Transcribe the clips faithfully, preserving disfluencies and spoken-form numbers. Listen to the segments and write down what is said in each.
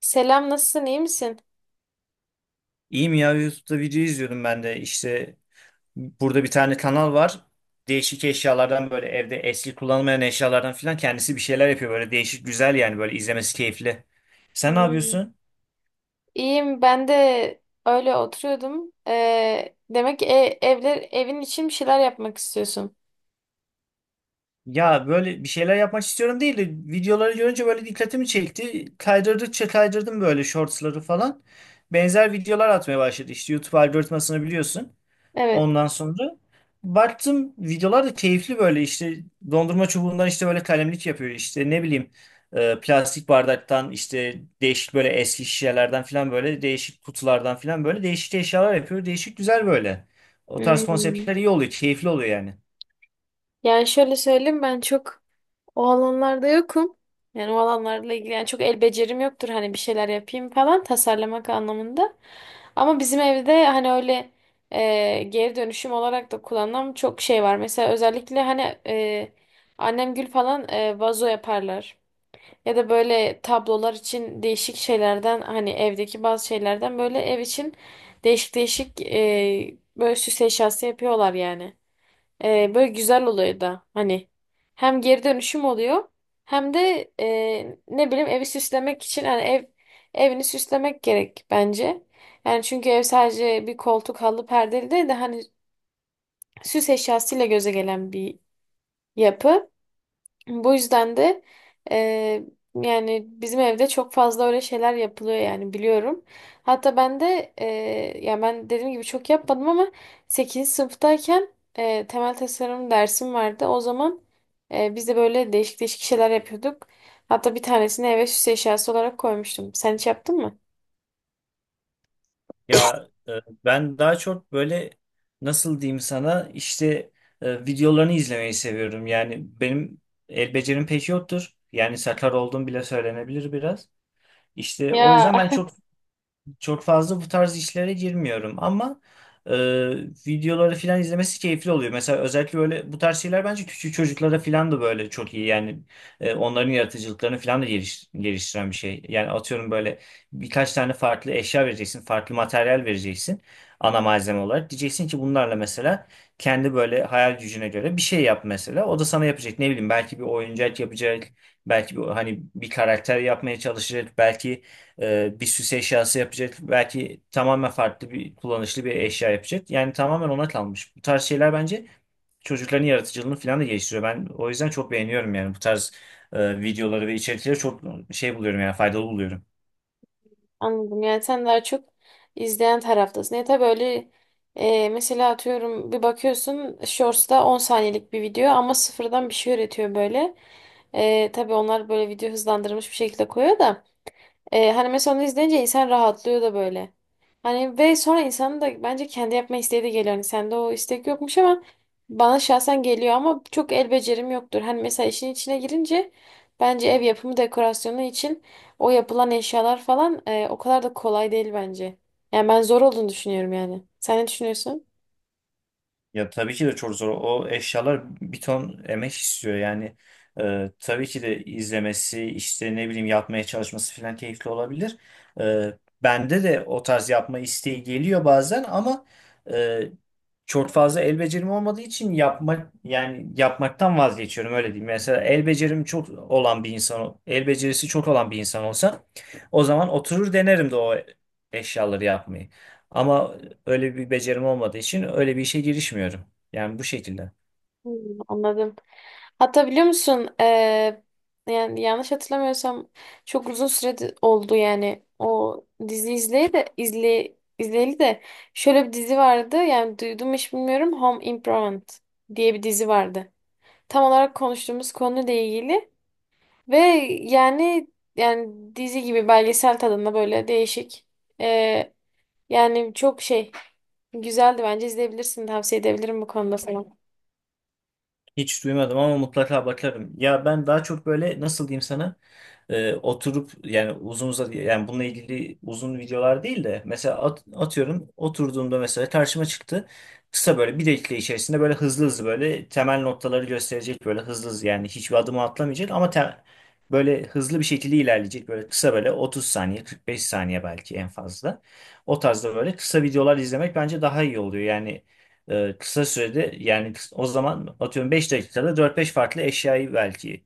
Selam, nasılsın? İyi misin? İyiyim ya YouTube'da video izliyordum ben de işte burada bir tane kanal var değişik eşyalardan böyle evde eski kullanılmayan eşyalardan filan kendisi bir şeyler yapıyor böyle değişik güzel yani böyle izlemesi keyifli. Sen ne Hmm. yapıyorsun? İyiyim, ben de öyle oturuyordum. Ee, demek ki e- evler evin için bir şeyler yapmak istiyorsun. Ya böyle bir şeyler yapmak istiyorum değil de videoları görünce böyle dikkatimi çekti kaydırdıkça kaydırdım böyle shortsları falan benzer videolar atmaya başladı işte YouTube algoritmasını biliyorsun. Evet. Ondan sonra baktım videolar da keyifli böyle işte dondurma çubuğundan işte böyle kalemlik yapıyor işte ne bileyim e, plastik bardaktan işte değişik böyle eski şişelerden falan böyle değişik kutulardan falan böyle değişik eşyalar yapıyor. Değişik güzel böyle. O tarz Hmm. konseptler iyi oluyor, keyifli oluyor yani. Yani şöyle söyleyeyim, ben çok o alanlarda yokum. Yani o alanlarla ilgili, yani çok el becerim yoktur, hani bir şeyler yapayım falan, tasarlamak anlamında. Ama bizim evde hani öyle e, geri dönüşüm olarak da kullanılan çok şey var. Mesela özellikle hani e, annem gül falan e, vazo yaparlar. Ya da böyle tablolar için değişik şeylerden, hani evdeki bazı şeylerden, böyle ev için değişik değişik e, böyle süs eşyası yapıyorlar yani. E, böyle güzel oluyor da, hani hem geri dönüşüm oluyor, hem de e, ne bileyim, evi süslemek için. Hani ev evini süslemek gerek bence. Yani çünkü ev sadece bir koltuk, halı, perdeli değil de, hani süs eşyasıyla göze gelen bir yapı. Bu yüzden de eee, yani bizim evde çok fazla öyle şeyler yapılıyor yani, biliyorum. Hatta ben de eee, ya, ben dediğim gibi çok yapmadım ama sekizinci sınıftayken eee, temel tasarım dersim vardı. O zaman eee, biz de böyle değişik değişik şeyler yapıyorduk. Hatta bir tanesini eve süs eşyası olarak koymuştum. Sen hiç yaptın mı? Ya e, ben daha çok böyle nasıl diyeyim sana işte e, videolarını izlemeyi seviyorum. Yani benim el becerim pek yoktur. Yani sakar olduğum bile söylenebilir biraz. İşte o Ya. yüzden ben çok çok fazla bu tarz işlere girmiyorum ama e, videoları falan izlemesi keyifli oluyor. Mesela özellikle böyle bu tarz şeyler bence küçük çocuklara falan da böyle çok iyi. Yani e, onların yaratıcılıklarını falan da geliş- geliştiren bir şey. Yani atıyorum böyle birkaç tane farklı eşya vereceksin, farklı materyal vereceksin ana malzeme olarak. Diyeceksin ki bunlarla mesela kendi böyle hayal gücüne göre bir şey yap mesela. O da sana yapacak ne bileyim belki bir oyuncak yapacak. Belki bir, hani bir karakter yapmaya çalışacak. Belki e, bir süs eşyası yapacak. Belki tamamen farklı bir kullanışlı bir eşya yapacak. Yani tamamen ona kalmış. Bu tarz şeyler bence çocukların yaratıcılığını falan da geliştiriyor. Ben o yüzden çok beğeniyorum yani bu tarz e, videoları ve içerikleri çok şey buluyorum yani faydalı buluyorum. Anladım. Yani sen daha çok izleyen taraftasın. Ya tabii, öyle. E, mesela atıyorum, bir bakıyorsun Shorts'ta on saniyelik bir video, ama sıfırdan bir şey üretiyor böyle. E, tabii onlar böyle video hızlandırılmış bir şekilde koyuyor da. Ee, hani mesela onu izleyince insan rahatlıyor da böyle. Hani ve sonra insanın da bence kendi yapma isteği de geliyor. Hani sende o istek yokmuş, ama bana şahsen geliyor. Ama çok el becerim yoktur. Hani mesela işin içine girince, bence ev yapımı dekorasyonu için o yapılan eşyalar falan e, o kadar da kolay değil bence. Yani ben zor olduğunu düşünüyorum yani. Sen ne düşünüyorsun? Ya tabii ki de çok zor. O eşyalar bir ton emek istiyor. Yani e, tabii ki de izlemesi, işte ne bileyim yapmaya çalışması falan keyifli olabilir. E, bende de o tarz yapma isteği geliyor bazen ama e, çok fazla el becerim olmadığı için yapmak yani yapmaktan vazgeçiyorum öyle diyeyim. Mesela el becerim çok olan bir insan, el becerisi çok olan bir insan olsa o zaman oturur denerim de o eşyaları yapmayı. Ama Öyle bir becerim olmadığı için öyle bir işe girişmiyorum. Yani bu şekilde. Hmm. Anladım. Hatta biliyor musun eee, yani yanlış hatırlamıyorsam çok uzun süre de- oldu yani o dizi izleyeli de izle, izleyeli de, şöyle bir dizi vardı, yani duydum mu hiç bilmiyorum, Home Improvement diye bir dizi vardı. Tam olarak konuştuğumuz konuyla ilgili ve yani yani dizi gibi, belgesel tadında, böyle değişik eee, yani çok şey, güzeldi bence. İzleyebilirsin tavsiye edebilirim bu konuda sana. Hiç duymadım ama mutlaka bakarım. Ya ben daha çok böyle nasıl diyeyim sana? E, oturup yani uzun uzadı yani bununla ilgili uzun videolar değil de mesela at- atıyorum oturduğumda mesela karşıma çıktı. Kısa böyle bir dakika içerisinde böyle hızlı hızlı böyle temel noktaları gösterecek böyle hızlı hızlı yani hiçbir adımı atlamayacak ama te- böyle hızlı bir şekilde ilerleyecek böyle kısa böyle otuz saniye kırk beş saniye belki en fazla. O tarzda böyle kısa videolar izlemek bence daha iyi oluyor. Yani e, kısa sürede yani kıs- o zaman atıyorum beş dakikada dört beş farklı eşyayı belki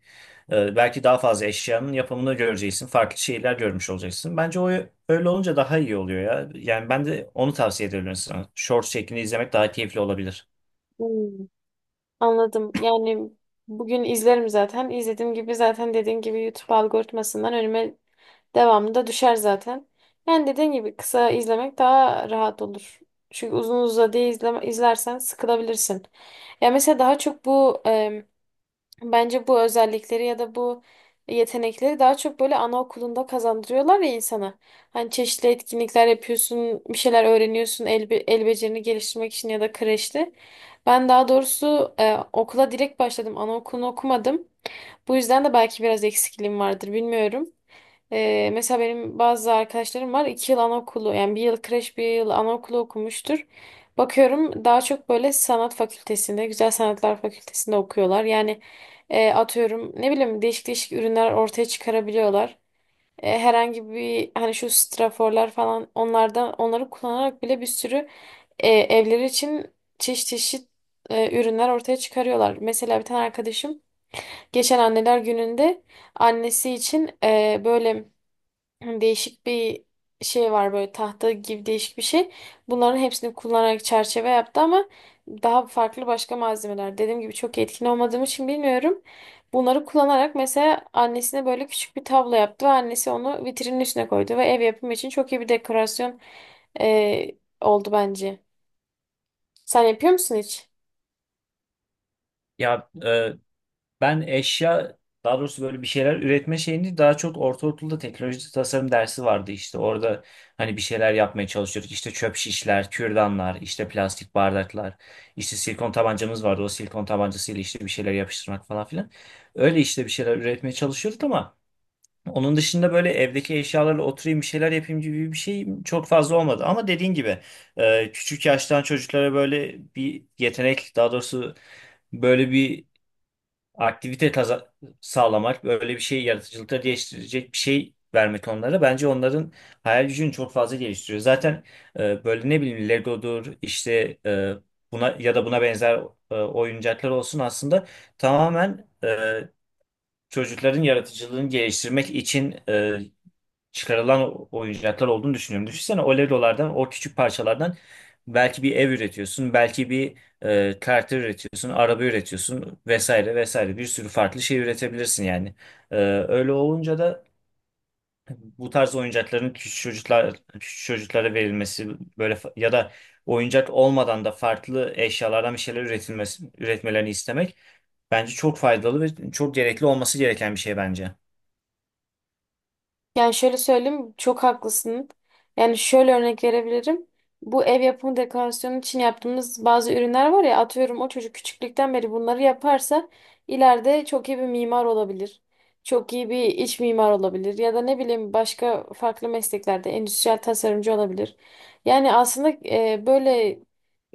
ee, belki daha fazla eşyanın yapımını göreceksin. Farklı şeyler görmüş olacaksın. Bence o öyle olunca daha iyi oluyor ya. Yani ben de onu tavsiye ediyorum sana. Short şeklinde izlemek daha keyifli olabilir. Hmm. Anladım. Yani bugün izlerim zaten. İzlediğim gibi zaten, dediğin gibi YouTube algoritmasından önüme devamlı da düşer zaten. Yani dediğin gibi kısa izlemek daha rahat olur. Çünkü uzun uzadıya izleme, izlersen sıkılabilirsin. Ya mesela daha çok bu Bence bu özellikleri ya da bu yetenekleri daha çok böyle anaokulunda kazandırıyorlar ya insana. Hani çeşitli etkinlikler yapıyorsun, bir şeyler öğreniyorsun el, be- el becerini geliştirmek için, ya da kreşte. Ben daha doğrusu e, okula direkt başladım. Anaokulunu okumadım. Bu yüzden de belki biraz eksikliğim vardır, bilmiyorum. Ee, mesela benim bazı arkadaşlarım var, iki yıl anaokulu, yani bir yıl kreş, bir yıl anaokulu okumuştur. Bakıyorum daha çok böyle sanat fakültesinde, güzel sanatlar fakültesinde okuyorlar. Yani e, atıyorum, ne bileyim, değişik değişik ürünler ortaya çıkarabiliyorlar. E, herhangi bir, hani şu straforlar falan, onlardan onları kullanarak bile bir sürü e, evleri için çeşit çeşit e, ürünler ortaya çıkarıyorlar. Mesela bir tane arkadaşım geçen anneler gününde annesi için e, böyle, hani değişik bir şey var, böyle tahta gibi değişik bir şey. Bunların hepsini kullanarak çerçeve yaptı, ama daha farklı başka malzemeler. Dediğim gibi çok etkin olmadığım için bilmiyorum. Bunları kullanarak mesela annesine böyle küçük bir tablo yaptı, ve annesi onu vitrinin üstüne koydu, ve ev yapımı için çok iyi bir dekorasyon eee, oldu bence. Sen yapıyor musun hiç? Ya e, ben eşya daha doğrusu böyle bir şeyler üretme şeyini daha çok ortaokulda teknoloji tasarım dersi vardı işte. Orada hani bir şeyler yapmaya çalışıyorduk. İşte çöp şişler, kürdanlar, işte plastik bardaklar, işte silikon tabancamız vardı. O silikon tabancasıyla işte bir şeyler yapıştırmak falan filan. Öyle işte bir şeyler üretmeye çalışıyorduk ama Onun dışında böyle evdeki eşyalarla oturayım bir şeyler yapayım gibi bir şey çok fazla olmadı. Ama dediğin gibi e, küçük yaştan çocuklara böyle bir yetenek daha doğrusu böyle bir aktivite kaza- sağlamak, böyle bir şey yaratıcılıkları geliştirecek bir şey vermek onlara bence onların hayal gücünü çok fazla geliştiriyor. Zaten e, böyle ne bileyim Lego'dur işte e, buna ya da buna benzer e, oyuncaklar olsun aslında tamamen e, çocukların yaratıcılığını geliştirmek için e, çıkarılan oyuncaklar olduğunu düşünüyorum. Düşünsene o Legolardan, o küçük parçalardan belki bir ev üretiyorsun, belki bir e, karakter üretiyorsun, araba üretiyorsun vesaire vesaire bir sürü farklı şey üretebilirsin yani. E, öyle olunca da bu tarz oyuncakların küçük çocuklar küçük çocuklara verilmesi böyle fa- ya da oyuncak olmadan da farklı eşyalardan bir şeyler üretilmesi üretmelerini istemek bence çok faydalı ve çok gerekli olması gereken bir şey bence. Yani şöyle söyleyeyim, çok haklısın. Yani şöyle örnek verebilirim. Bu ev yapımı dekorasyonu için yaptığımız bazı ürünler var ya, atıyorum o çocuk küçüklükten beri bunları yaparsa ileride çok iyi bir mimar olabilir. Çok iyi bir iç mimar olabilir, ya da ne bileyim, başka farklı mesleklerde endüstriyel tasarımcı olabilir. Yani aslında e, böyle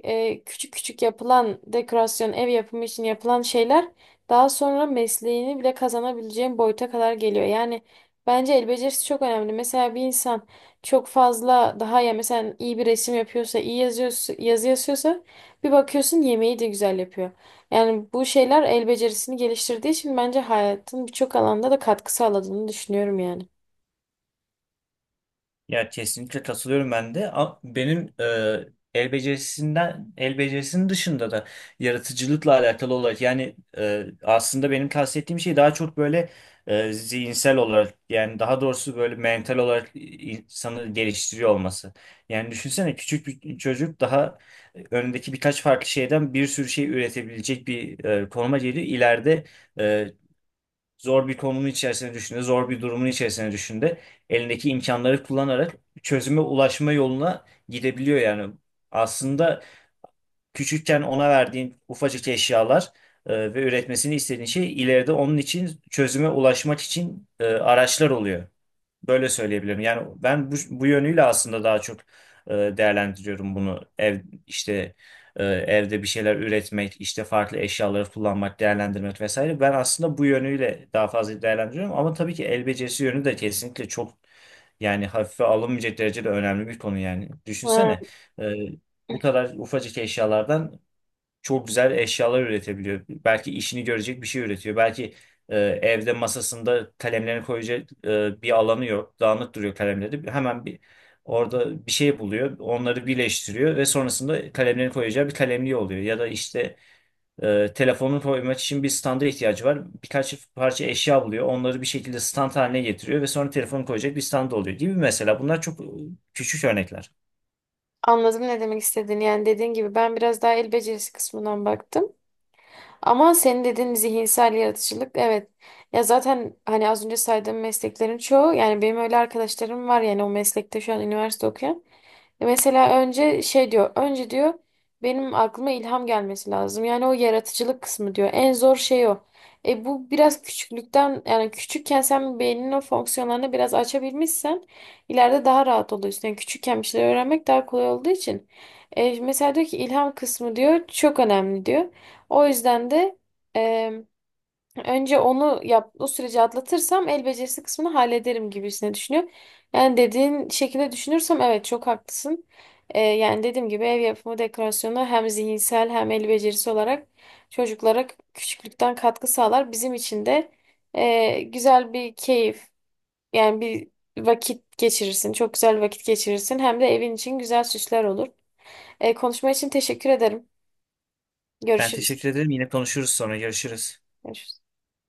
e, küçük küçük yapılan dekorasyon, ev yapımı için yapılan şeyler daha sonra mesleğini bile kazanabileceğin boyuta kadar geliyor. Yani bence el becerisi çok önemli. Mesela bir insan çok fazla, daha ya, mesela iyi bir resim yapıyorsa, iyi yazıyorsa, yazı yazıyorsa, bir bakıyorsun yemeği de güzel yapıyor. Yani bu şeyler el becerisini geliştirdiği için bence hayatın birçok alanda da katkı sağladığını düşünüyorum yani. Ya kesinlikle katılıyorum ben de. A- Benim e, el becerisinden el becerisinin dışında da yaratıcılıkla alakalı olarak yani e, aslında benim kastettiğim şey daha çok böyle e, zihinsel olarak yani daha doğrusu böyle mental olarak insanı geliştiriyor olması. Yani düşünsene küçük bir çocuk daha e, önündeki birkaç farklı şeyden bir sürü şey üretebilecek bir e, konuma geliyor. İleride e, zor bir konumun içerisine düşündü, zor bir durumun içerisine düşündü. Elindeki imkanları kullanarak çözüme ulaşma yoluna gidebiliyor yani. Aslında küçükken ona verdiğin ufacık eşyalar e, ve üretmesini istediğin şey ileride onun için çözüme ulaşmak için e, araçlar oluyor. Böyle söyleyebilirim. Yani ben bu, bu yönüyle aslında daha çok e, değerlendiriyorum bunu. Ev işte e, evde bir şeyler üretmek, işte farklı eşyaları kullanmak, değerlendirmek vesaire. Ben aslında bu yönüyle daha fazla değerlendiriyorum ama tabii ki el becerisi yönü de kesinlikle çok yani hafife alınmayacak derecede önemli bir konu yani. Ha, Düşünsene e, bu kadar ufacık eşyalardan çok güzel eşyalar üretebiliyor. Belki işini görecek bir şey üretiyor. Belki e, evde masasında kalemlerini koyacak e, bir alanı yok. Dağınık duruyor kalemleri. Hemen bir orada bir şey buluyor. Onları birleştiriyor ve sonrasında kalemlerini koyacağı bir kalemliği oluyor. Ya da işte e, telefonunu koymak için bir standa ihtiyacı var. Birkaç parça eşya buluyor. Onları bir şekilde stand haline getiriyor ve sonra telefonu koyacak bir stand oluyor gibi mesela. Bunlar çok e, küçük örnekler. anladım ne demek istediğini. Yani dediğin gibi ben biraz daha el becerisi kısmından baktım. Ama senin dediğin zihinsel yaratıcılık, evet. Ya zaten hani az önce saydığım mesleklerin çoğu, yani benim öyle arkadaşlarım var yani, o meslekte şu an üniversite okuyan. E, Mesela önce şey diyor, önce diyor benim aklıma ilham gelmesi lazım. Yani o yaratıcılık kısmı diyor. En zor şey o. E bu biraz küçüklükten, yani küçükken sen beyninin o fonksiyonlarını biraz açabilmişsen ileride daha rahat oluyorsun. Yani küçükken bir şeyler öğrenmek daha kolay olduğu için. E, mesela diyor ki, ilham kısmı diyor çok önemli diyor. O yüzden de önce onu yap, o süreci atlatırsam el becerisi kısmını hallederim gibisine düşünüyorum. Yani dediğin şekilde düşünürsem, evet, çok haklısın. Ee, yani dediğim gibi, ev yapımı dekorasyonu hem zihinsel hem el becerisi olarak çocuklara küçüklükten katkı sağlar. Bizim için de e, güzel bir keyif, yani bir vakit geçirirsin. Çok güzel vakit geçirirsin. Hem de evin için güzel süsler olur. E, konuşma için teşekkür ederim. Ben Görüşürüz. teşekkür ederim. Yine konuşuruz sonra. Görüşürüz. Görüşürüz.